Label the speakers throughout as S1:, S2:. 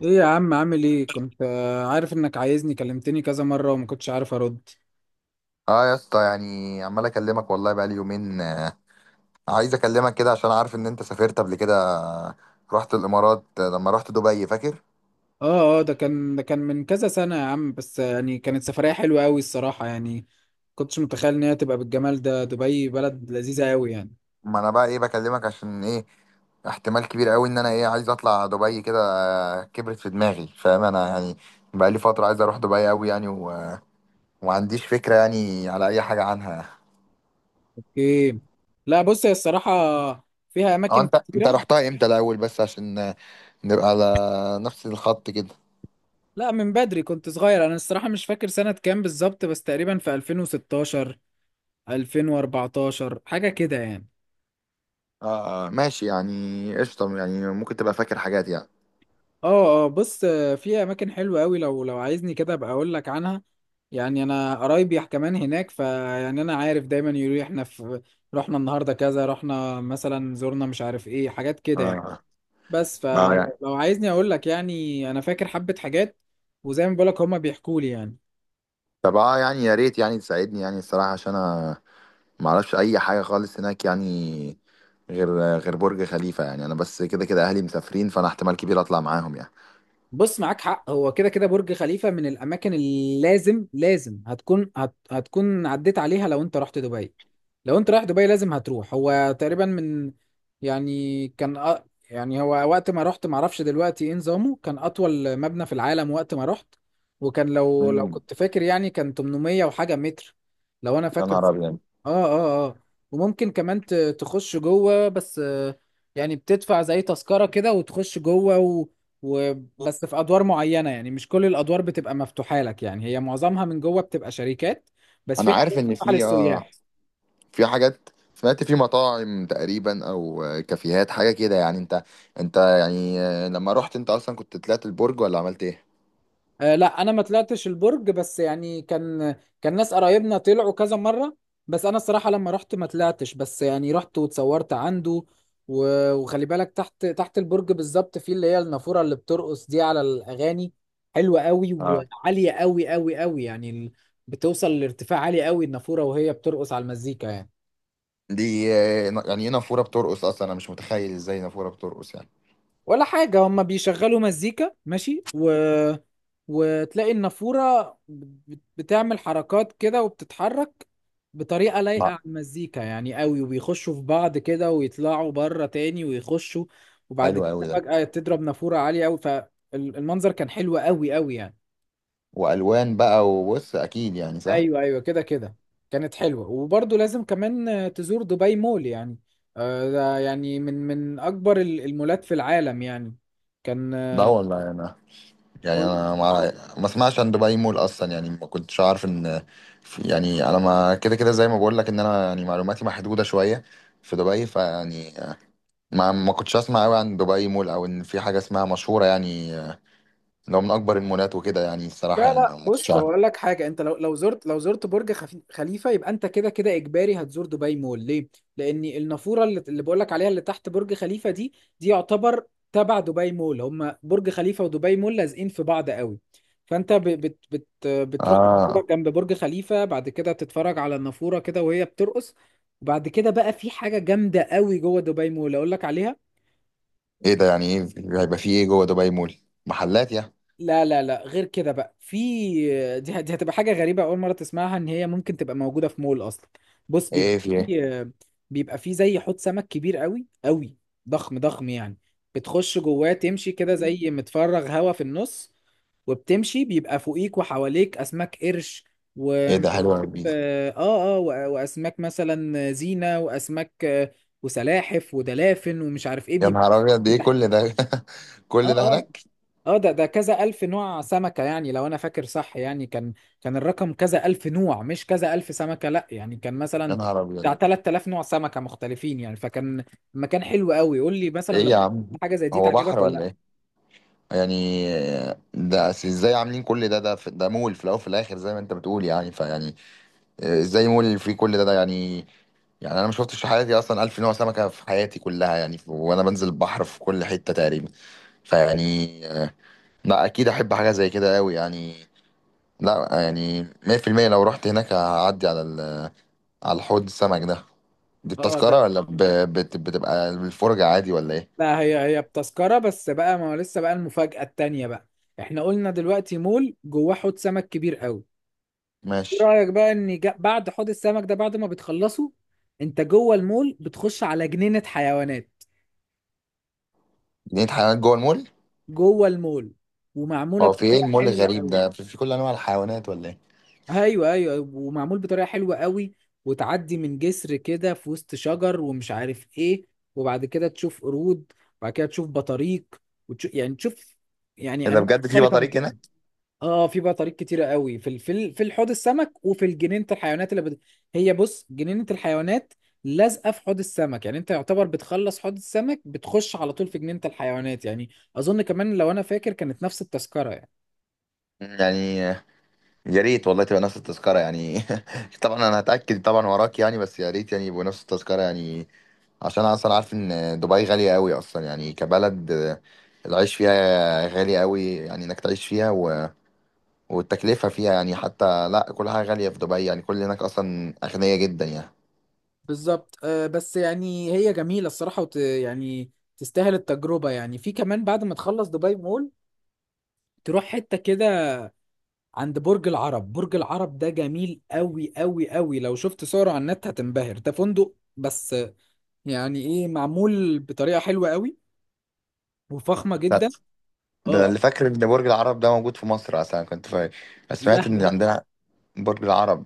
S1: ايه يا عم، عامل ايه؟ كنت عارف انك عايزني، كلمتني كذا مرة وما كنتش عارف ارد.
S2: اه يا اسطى، يعني عمال اكلمك والله بقالي يومين عايز اكلمك كده عشان عارف ان انت سافرت قبل كده رحت الامارات، لما رحت دبي فاكر؟
S1: اه، اه، ده كان من كذا سنة يا عم، بس يعني كانت سفرية حلوة قوي الصراحة يعني. كنتش متخيل ان هي تبقى بالجمال ده، دبي بلد لذيذة قوي يعني.
S2: ما انا بقى ايه بكلمك عشان ايه؟ احتمال كبير قوي ان انا ايه عايز اطلع دبي كده، كبرت في دماغي فاهم انا يعني. بقالي فترة عايز اروح دبي قوي يعني ومعنديش فكرة يعني على اي حاجة عنها.
S1: اوكي. لا، بص، هي الصراحة فيها
S2: اه
S1: اماكن
S2: انت
S1: كتيرة.
S2: رحتها امتى الاول بس عشان نبقى على نفس الخط كده.
S1: لا، من بدري كنت صغير، انا الصراحة مش فاكر سنة كام بالظبط، بس تقريبا في 2016 2014 حاجة كده يعني.
S2: اه ماشي يعني قشطة، يعني ممكن تبقى فاكر حاجات يعني.
S1: اه، اه، بص، في اماكن حلوه قوي، لو عايزني كده ابقى اقول لك عنها. يعني انا قرايبي كمان هناك، فيعني انا عارف دايما يقولوا لي احنا في، رحنا النهارده كذا، رحنا مثلا، زرنا مش عارف ايه، حاجات كده يعني.
S2: اه،
S1: بس
S2: ما يعني.
S1: فلو عايزني اقول لك، يعني انا فاكر حبه حاجات. وزي ما بقول لك هما بيحكوا لي يعني.
S2: طب اه، يعني يا ريت يعني تساعدني يعني، الصراحة عشان انا ما اعرفش اي حاجة خالص هناك يعني، غير غير برج خليفة. يعني انا بس كده كده اهلي مسافرين فانا احتمال كبير اطلع معاهم يعني.
S1: بص، معاك حق، هو كده كده برج خليفة من الأماكن اللي لازم لازم هتكون عديت عليها لو أنت رحت دبي. لو أنت رايح دبي لازم هتروح. هو تقريبا من، يعني كان يعني هو، وقت ما رحت، معرفش دلوقتي إيه نظامه، كان أطول مبنى في العالم وقت ما رحت. وكان، لو
S2: امم.
S1: كنت فاكر، يعني كان 800 وحاجة متر، لو أنا
S2: يا
S1: فاكر.
S2: نهار ابيض،
S1: اه، اه، اه. وممكن كمان تخش جوه، بس يعني بتدفع زي تذكرة كده وتخش جوه. وبس في ادوار معينة، يعني مش كل الادوار بتبقى مفتوحة لك، يعني هي معظمها من جوه بتبقى شركات. بس
S2: انا
S1: في حاجات
S2: عارف ان
S1: مفتوحة
S2: في اه
S1: للسياح.
S2: في حاجات، سمعت في مطاعم تقريبا او كافيهات حاجة كده يعني. انت يعني لما رحت انت اصلا كنت طلعت البرج ولا عملت ايه؟
S1: آه، لا، انا ما طلعتش البرج، بس يعني كان، كان ناس قرايبنا طلعوا كذا مره. بس انا الصراحه لما رحت ما طلعتش، بس يعني رحت واتصورت عنده. وخلي بالك تحت تحت البرج بالظبط، في اللي هي النافوره اللي بترقص دي على الاغاني، حلوه قوي
S2: اه،
S1: وعاليه قوي قوي قوي يعني. بتوصل لارتفاع عالي قوي النافوره، وهي بترقص على المزيكا يعني.
S2: دي يعني ايه نافورة بترقص؟ اصلا انا مش متخيل ازاي نافورة بترقص يعني.
S1: ولا حاجة، هما بيشغلوا مزيكا ماشي. وتلاقي النافورة بتعمل حركات كده وبتتحرك بطريقة لايقة
S2: ما
S1: على المزيكا يعني قوي، وبيخشوا في بعض كده ويطلعوا بره تاني ويخشوا، وبعد
S2: حلو قوي
S1: كده
S2: ده،
S1: فجأة تضرب نافورة عالية قوي، فالمنظر كان حلو قوي قوي يعني.
S2: والوان بقى وبص اكيد يعني صح.
S1: ايوه، ايوه، كده كده. كانت حلوة، وبرضه لازم كمان تزور دبي مول يعني. ده يعني من اكبر المولات في العالم يعني. كان
S2: ده
S1: آه،
S2: والله انا، يعني
S1: قول.
S2: انا ما ما اسمعش عن دبي مول اصلا، يعني ما كنتش عارف ان يعني انا ما كده كده، زي ما بقول لك ان انا يعني معلوماتي محدوده شويه في دبي، فيعني ما ما كنتش اسمع قوي عن دبي مول، او ان في حاجه اسمها مشهوره يعني، لو من اكبر المولات وكده يعني،
S1: لا،
S2: الصراحه يعني
S1: لا،
S2: ما ما كنتش
S1: بص،
S2: عارف.
S1: هو اقول لك حاجه، انت لو زرت برج خليفه يبقى انت كده كده اجباري هتزور دبي مول، ليه؟ لان النافوره اللي بقول لك عليها اللي تحت برج خليفه دي، دي يعتبر تبع دبي مول، هما برج خليفه ودبي مول لازقين في بعض قوي. فانت ب... بت... بت... بتروح
S2: اه،
S1: تتفرج جنب برج خليفه، بعد كده تتفرج على النافوره كده وهي بترقص. وبعد كده بقى في حاجه جامده قوي جوه دبي مول، اقول لك عليها.
S2: ايه ده؟ يعني ايه هيبقى في ايه جوه دبي مول؟ محلات يعني؟
S1: لا، لا، لا، غير كده بقى في، دي هتبقى حاجة غريبة أول مرة تسمعها، إن هي ممكن تبقى موجودة في مول أصلا. بص،
S2: ايه
S1: بيبقى
S2: في ايه؟
S1: في، بيبقى في زي حوض سمك كبير قوي قوي، ضخم ضخم يعني. بتخش جواه تمشي كده زي متفرغ هوا في النص، وبتمشي بيبقى فوقيك وحواليك أسماك قرش و
S2: ايه ده، حلو قوي!
S1: آه آه وأ- وأسماك مثلا زينة، وأسماك، وسلاحف ودلافن ومش عارف إيه
S2: يا
S1: بيبقى
S2: نهار ابيض، ايه
S1: تحتيه.
S2: كل ده؟
S1: اه،
S2: كل ده
S1: آه.
S2: هناك؟
S1: اه، ده كذا ألف نوع سمكة، يعني لو أنا فاكر صح، يعني كان، كان الرقم كذا ألف نوع مش كذا ألف سمكة، لأ، يعني كان
S2: يا
S1: مثلا
S2: نهار ابيض!
S1: بتاع 3000 نوع سمكة مختلفين يعني، فكان مكان حلو قوي. قول لي مثلا
S2: ايه
S1: لو
S2: يا عم؟
S1: حاجة زي دي
S2: هو بحر
S1: تعجبك ولا
S2: ولا
S1: لأ؟
S2: ايه يعني؟ ده أصل ازاي عاملين كل ده؟ ده مول في الاول وفي الاخر زي ما انت بتقول، يعني فيعني ازاي مول في كل ده يعني؟ يعني انا ما شفتش في حياتي اصلا الف نوع سمكه في حياتي كلها يعني، وانا بنزل البحر في كل حته تقريبا، فيعني لا اكيد احب حاجه زي كده قوي يعني. لا يعني 100% لو رحت هناك هعدي على على الحوض السمك ده. دي
S1: اه،
S2: التذكره
S1: ده،
S2: ولا بتبقى الفرجه عادي ولا ايه؟
S1: لا، هي بتذكرة بس بقى، ما هو لسه بقى المفاجأة التانية بقى. احنا قلنا دلوقتي مول جواه حوض سمك كبير قوي، ايه
S2: ماشي.
S1: رأيك بقى ان بعد حوض السمك ده، بعد ما بتخلصه انت جوه المول بتخش على جنينة حيوانات،
S2: جنينة حيوانات جوه المول؟
S1: جوه المول، ومعموله
S2: هو في ايه
S1: بطريقه
S2: المول
S1: حلوه
S2: الغريب
S1: قوي.
S2: ده، في كل انواع الحيوانات ولا ايه؟
S1: ايوه، ايوه، ومعمول بطريقه حلوه قوي، وتعدي من جسر كده في وسط شجر ومش عارف ايه، وبعد كده تشوف قرود، وبعد كده تشوف بطاريق، وتشوف يعني تشوف، يعني
S2: إيه ده
S1: انواع
S2: بجد! في
S1: مختلفه من
S2: بطاريق
S1: الحيوانات.
S2: هناك؟
S1: اه، في بطاريق كتيره قوي في حوض السمك، وفي جنينه الحيوانات. هي بص، جنينه الحيوانات لازقه في حوض السمك، يعني انت يعتبر بتخلص حوض السمك بتخش على طول في جنينه الحيوانات يعني. اظن كمان لو انا فاكر كانت نفس التذكره يعني.
S2: يعني يا ريت والله تبقى نفس التذكرة يعني. طبعا انا هتأكد طبعا وراك يعني، بس يا ريت يعني يبقوا نفس التذكرة يعني، عشان انا اصلا عارف ان دبي غالية قوي اصلا يعني كبلد العيش فيها غالي قوي، يعني انك تعيش فيها والتكلفة فيها يعني، حتى لا كل حاجة غالية في دبي يعني، كل هناك اصلا اغنياء جدا يعني.
S1: بالظبط، بس يعني هي جميلة الصراحة يعني تستاهل التجربة يعني. في كمان بعد ما تخلص دبي مول تروح حتة كده عند برج العرب. برج العرب ده جميل قوي قوي قوي، لو شفت صوره على النت هتنبهر، ده فندق بس يعني ايه، معمول بطريقة حلوة قوي وفخمة
S2: لا،
S1: جدا.
S2: ده انا
S1: اه،
S2: اللي فاكر ان برج العرب ده موجود في مصر اصلا كنت فاكر،
S1: لا،
S2: سمعت ان
S1: لا،
S2: عندنا برج العرب.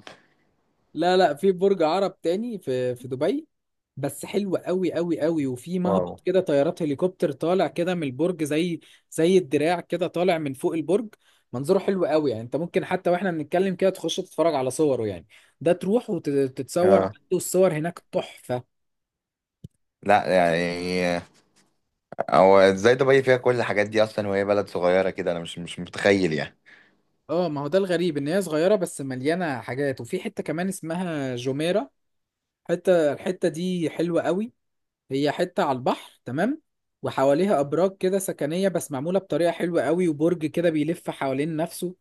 S1: لا، لا، في برج عرب تاني في دبي. بس حلو قوي قوي قوي، وفي
S2: واو.
S1: مهبط كده طيارات هليكوبتر طالع كده من البرج، زي زي الدراع كده طالع من فوق البرج. منظره حلو قوي يعني، انت ممكن حتى واحنا بنتكلم كده تخش تتفرج على صوره يعني، ده تروح وتتصور،
S2: اه،
S1: والصور هناك تحفة.
S2: لا يعني، هو ازاي دبي فيها كل الحاجات دي اصلا وهي بلد صغيره كده؟ انا مش متخيل يعني.
S1: اه، ما هو ده الغريب، ان هي صغيرة بس مليانة حاجات. وفي حتة كمان اسمها جوميرا، الحتة دي حلوة قوي. هي حتة على البحر تمام، وحواليها أبراج كده سكنية بس معمولة بطريقة حلوة قوي، وبرج كده بيلف حوالين نفسه،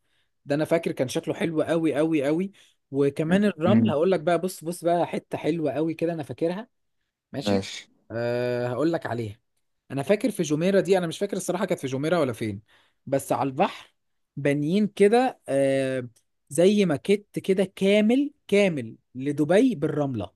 S1: ده أنا فاكر كان شكله حلو قوي قوي قوي. وكمان الرمل
S2: مم.
S1: هقول لك بقى، بص بص بقى حتة حلوة قوي كده أنا فاكرها. ماشي،
S2: ماشي.
S1: أه، هقول لك عليها. أنا فاكر في جميرة دي، أنا مش فاكر الصراحة كانت في جميرة ولا فين، بس على البحر بانيين كده، أه، زي ماكيت كده كامل كامل لدبي بالرملة.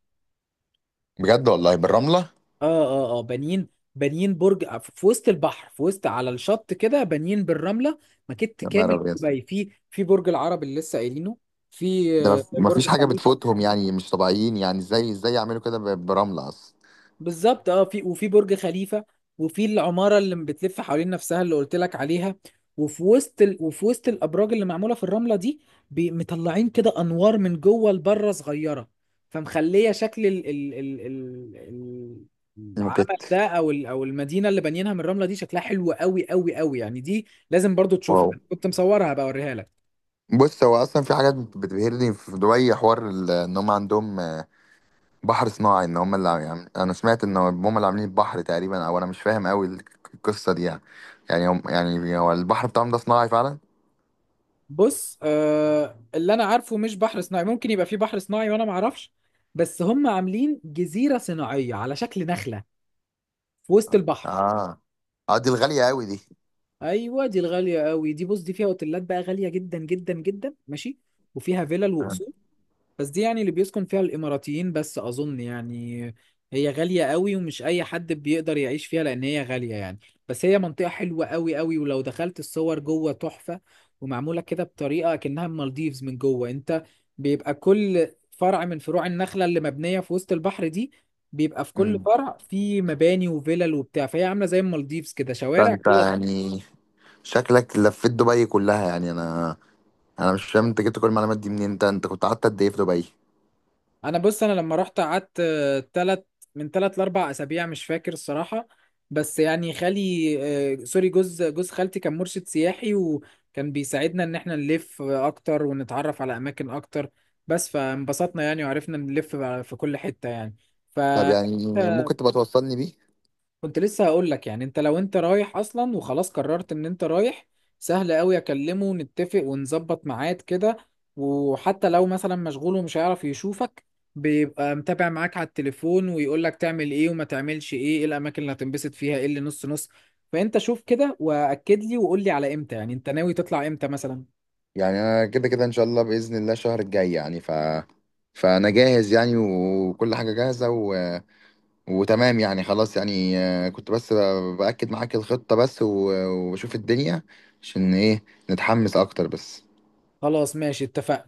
S2: بجد والله بالرمله؟
S1: اه، اه، اه، بانيين، بانيين برج في وسط البحر، في وسط على الشط كده بانيين بالرمله، مكت
S2: يا نهار
S1: كامل
S2: ابيض،
S1: دبي، في برج العرب اللي لسه قايلينه، في
S2: ده ما
S1: برج
S2: فيش حاجه
S1: خليفه،
S2: بتفوتهم يعني، مش طبيعيين يعني! ازاي ازاي يعملوا كده برمله اصلا؟
S1: بالظبط. اه، في، وفي برج خليفة، وفي العمارة اللي بتلف حوالين نفسها اللي قلت لك عليها. وفي وسط الأبراج اللي معمولة في الرملة دي، مطلعين كده أنوار من جوه لبره صغيرة، فمخلية شكل
S2: الموكيت.
S1: العمل ده، أو أو المدينة اللي بانيينها من الرملة دي، شكلها حلو قوي قوي قوي يعني. دي لازم برضو تشوفها،
S2: واو.
S1: كنت مصورها بقى أوريها لك.
S2: بص هو اصلا في حاجات بتبهرني في دبي، حوار ان هم عندهم بحر صناعي، ان هم اللي عاملين، انا سمعت ان هم اللي عاملين البحر تقريبا، او انا مش فاهم قوي القصه دي يعني. يعني هم يعني هو البحر بتاعهم ده صناعي فعلا؟
S1: بص، اللي انا عارفه مش بحر صناعي، ممكن يبقى في بحر صناعي وانا ما اعرفش، بس هم عاملين جزيره صناعيه على شكل نخله في وسط البحر.
S2: اه. اه دي الغاليه قوي دي.
S1: ايوه، دي الغاليه قوي دي، بص، دي فيها اوتيلات بقى غاليه جدا جدا جدا، ماشي، وفيها فيلل
S2: آه.
S1: وقصور. بس دي يعني اللي بيسكن فيها الإماراتيين بس أظن يعني، هي غالية قوي ومش أي حد بيقدر يعيش فيها، لأن هي غالية يعني. بس هي منطقة حلوة قوي قوي، ولو دخلت الصور جوه تحفة، ومعمولة كده بطريقة كأنها المالديفز من جوه. أنت بيبقى كل فرع من فروع النخلة اللي مبنية في وسط البحر دي، بيبقى في كل
S2: مم.
S1: فرع في مباني وفلل وبتاع، فهي عاملة زي المالديفز كده،
S2: ده
S1: شوارع
S2: انت
S1: جوه.
S2: يعني شكلك لفيت دبي كلها يعني، انا، انا مش فاهم انت جبت كل المعلومات دي منين؟ انت كنت قعدت قد ايه في دبي؟
S1: انا بص، انا لما رحت قعدت، تلت، من تلت لاربع اسابيع مش فاكر الصراحه. بس يعني خالي، سوري، جوز خالتي كان مرشد سياحي وكان بيساعدنا ان احنا نلف اكتر ونتعرف على اماكن اكتر، بس فانبسطنا يعني وعرفنا نلف بقى في كل حته يعني ف
S2: طب يعني ممكن تبقى توصلني بيه؟
S1: كنت لسه هقول لك، يعني انت لو انت رايح اصلا وخلاص قررت ان انت رايح، سهل قوي اكلمه ونتفق ونظبط ميعاد كده، وحتى لو مثلا مشغول ومش هيعرف يشوفك، بيبقى متابع معاك على التليفون ويقول لك تعمل ايه وما تعملش ايه، ايه الاماكن اللي هتنبسط فيها، ايه اللي نص نص. فانت شوف كده واكد لي وقول لي على امتى، يعني انت ناوي تطلع امتى مثلا.
S2: يعني انا كده كده ان شاء الله باذن الله الشهر الجاي يعني، فانا جاهز يعني وكل حاجه جاهزه وتمام يعني، خلاص يعني كنت بس بأكد معاك الخطة بس وبشوف الدنيا عشان ايه، نتحمس اكتر بس.
S1: خلاص، ماشي، اتفقنا.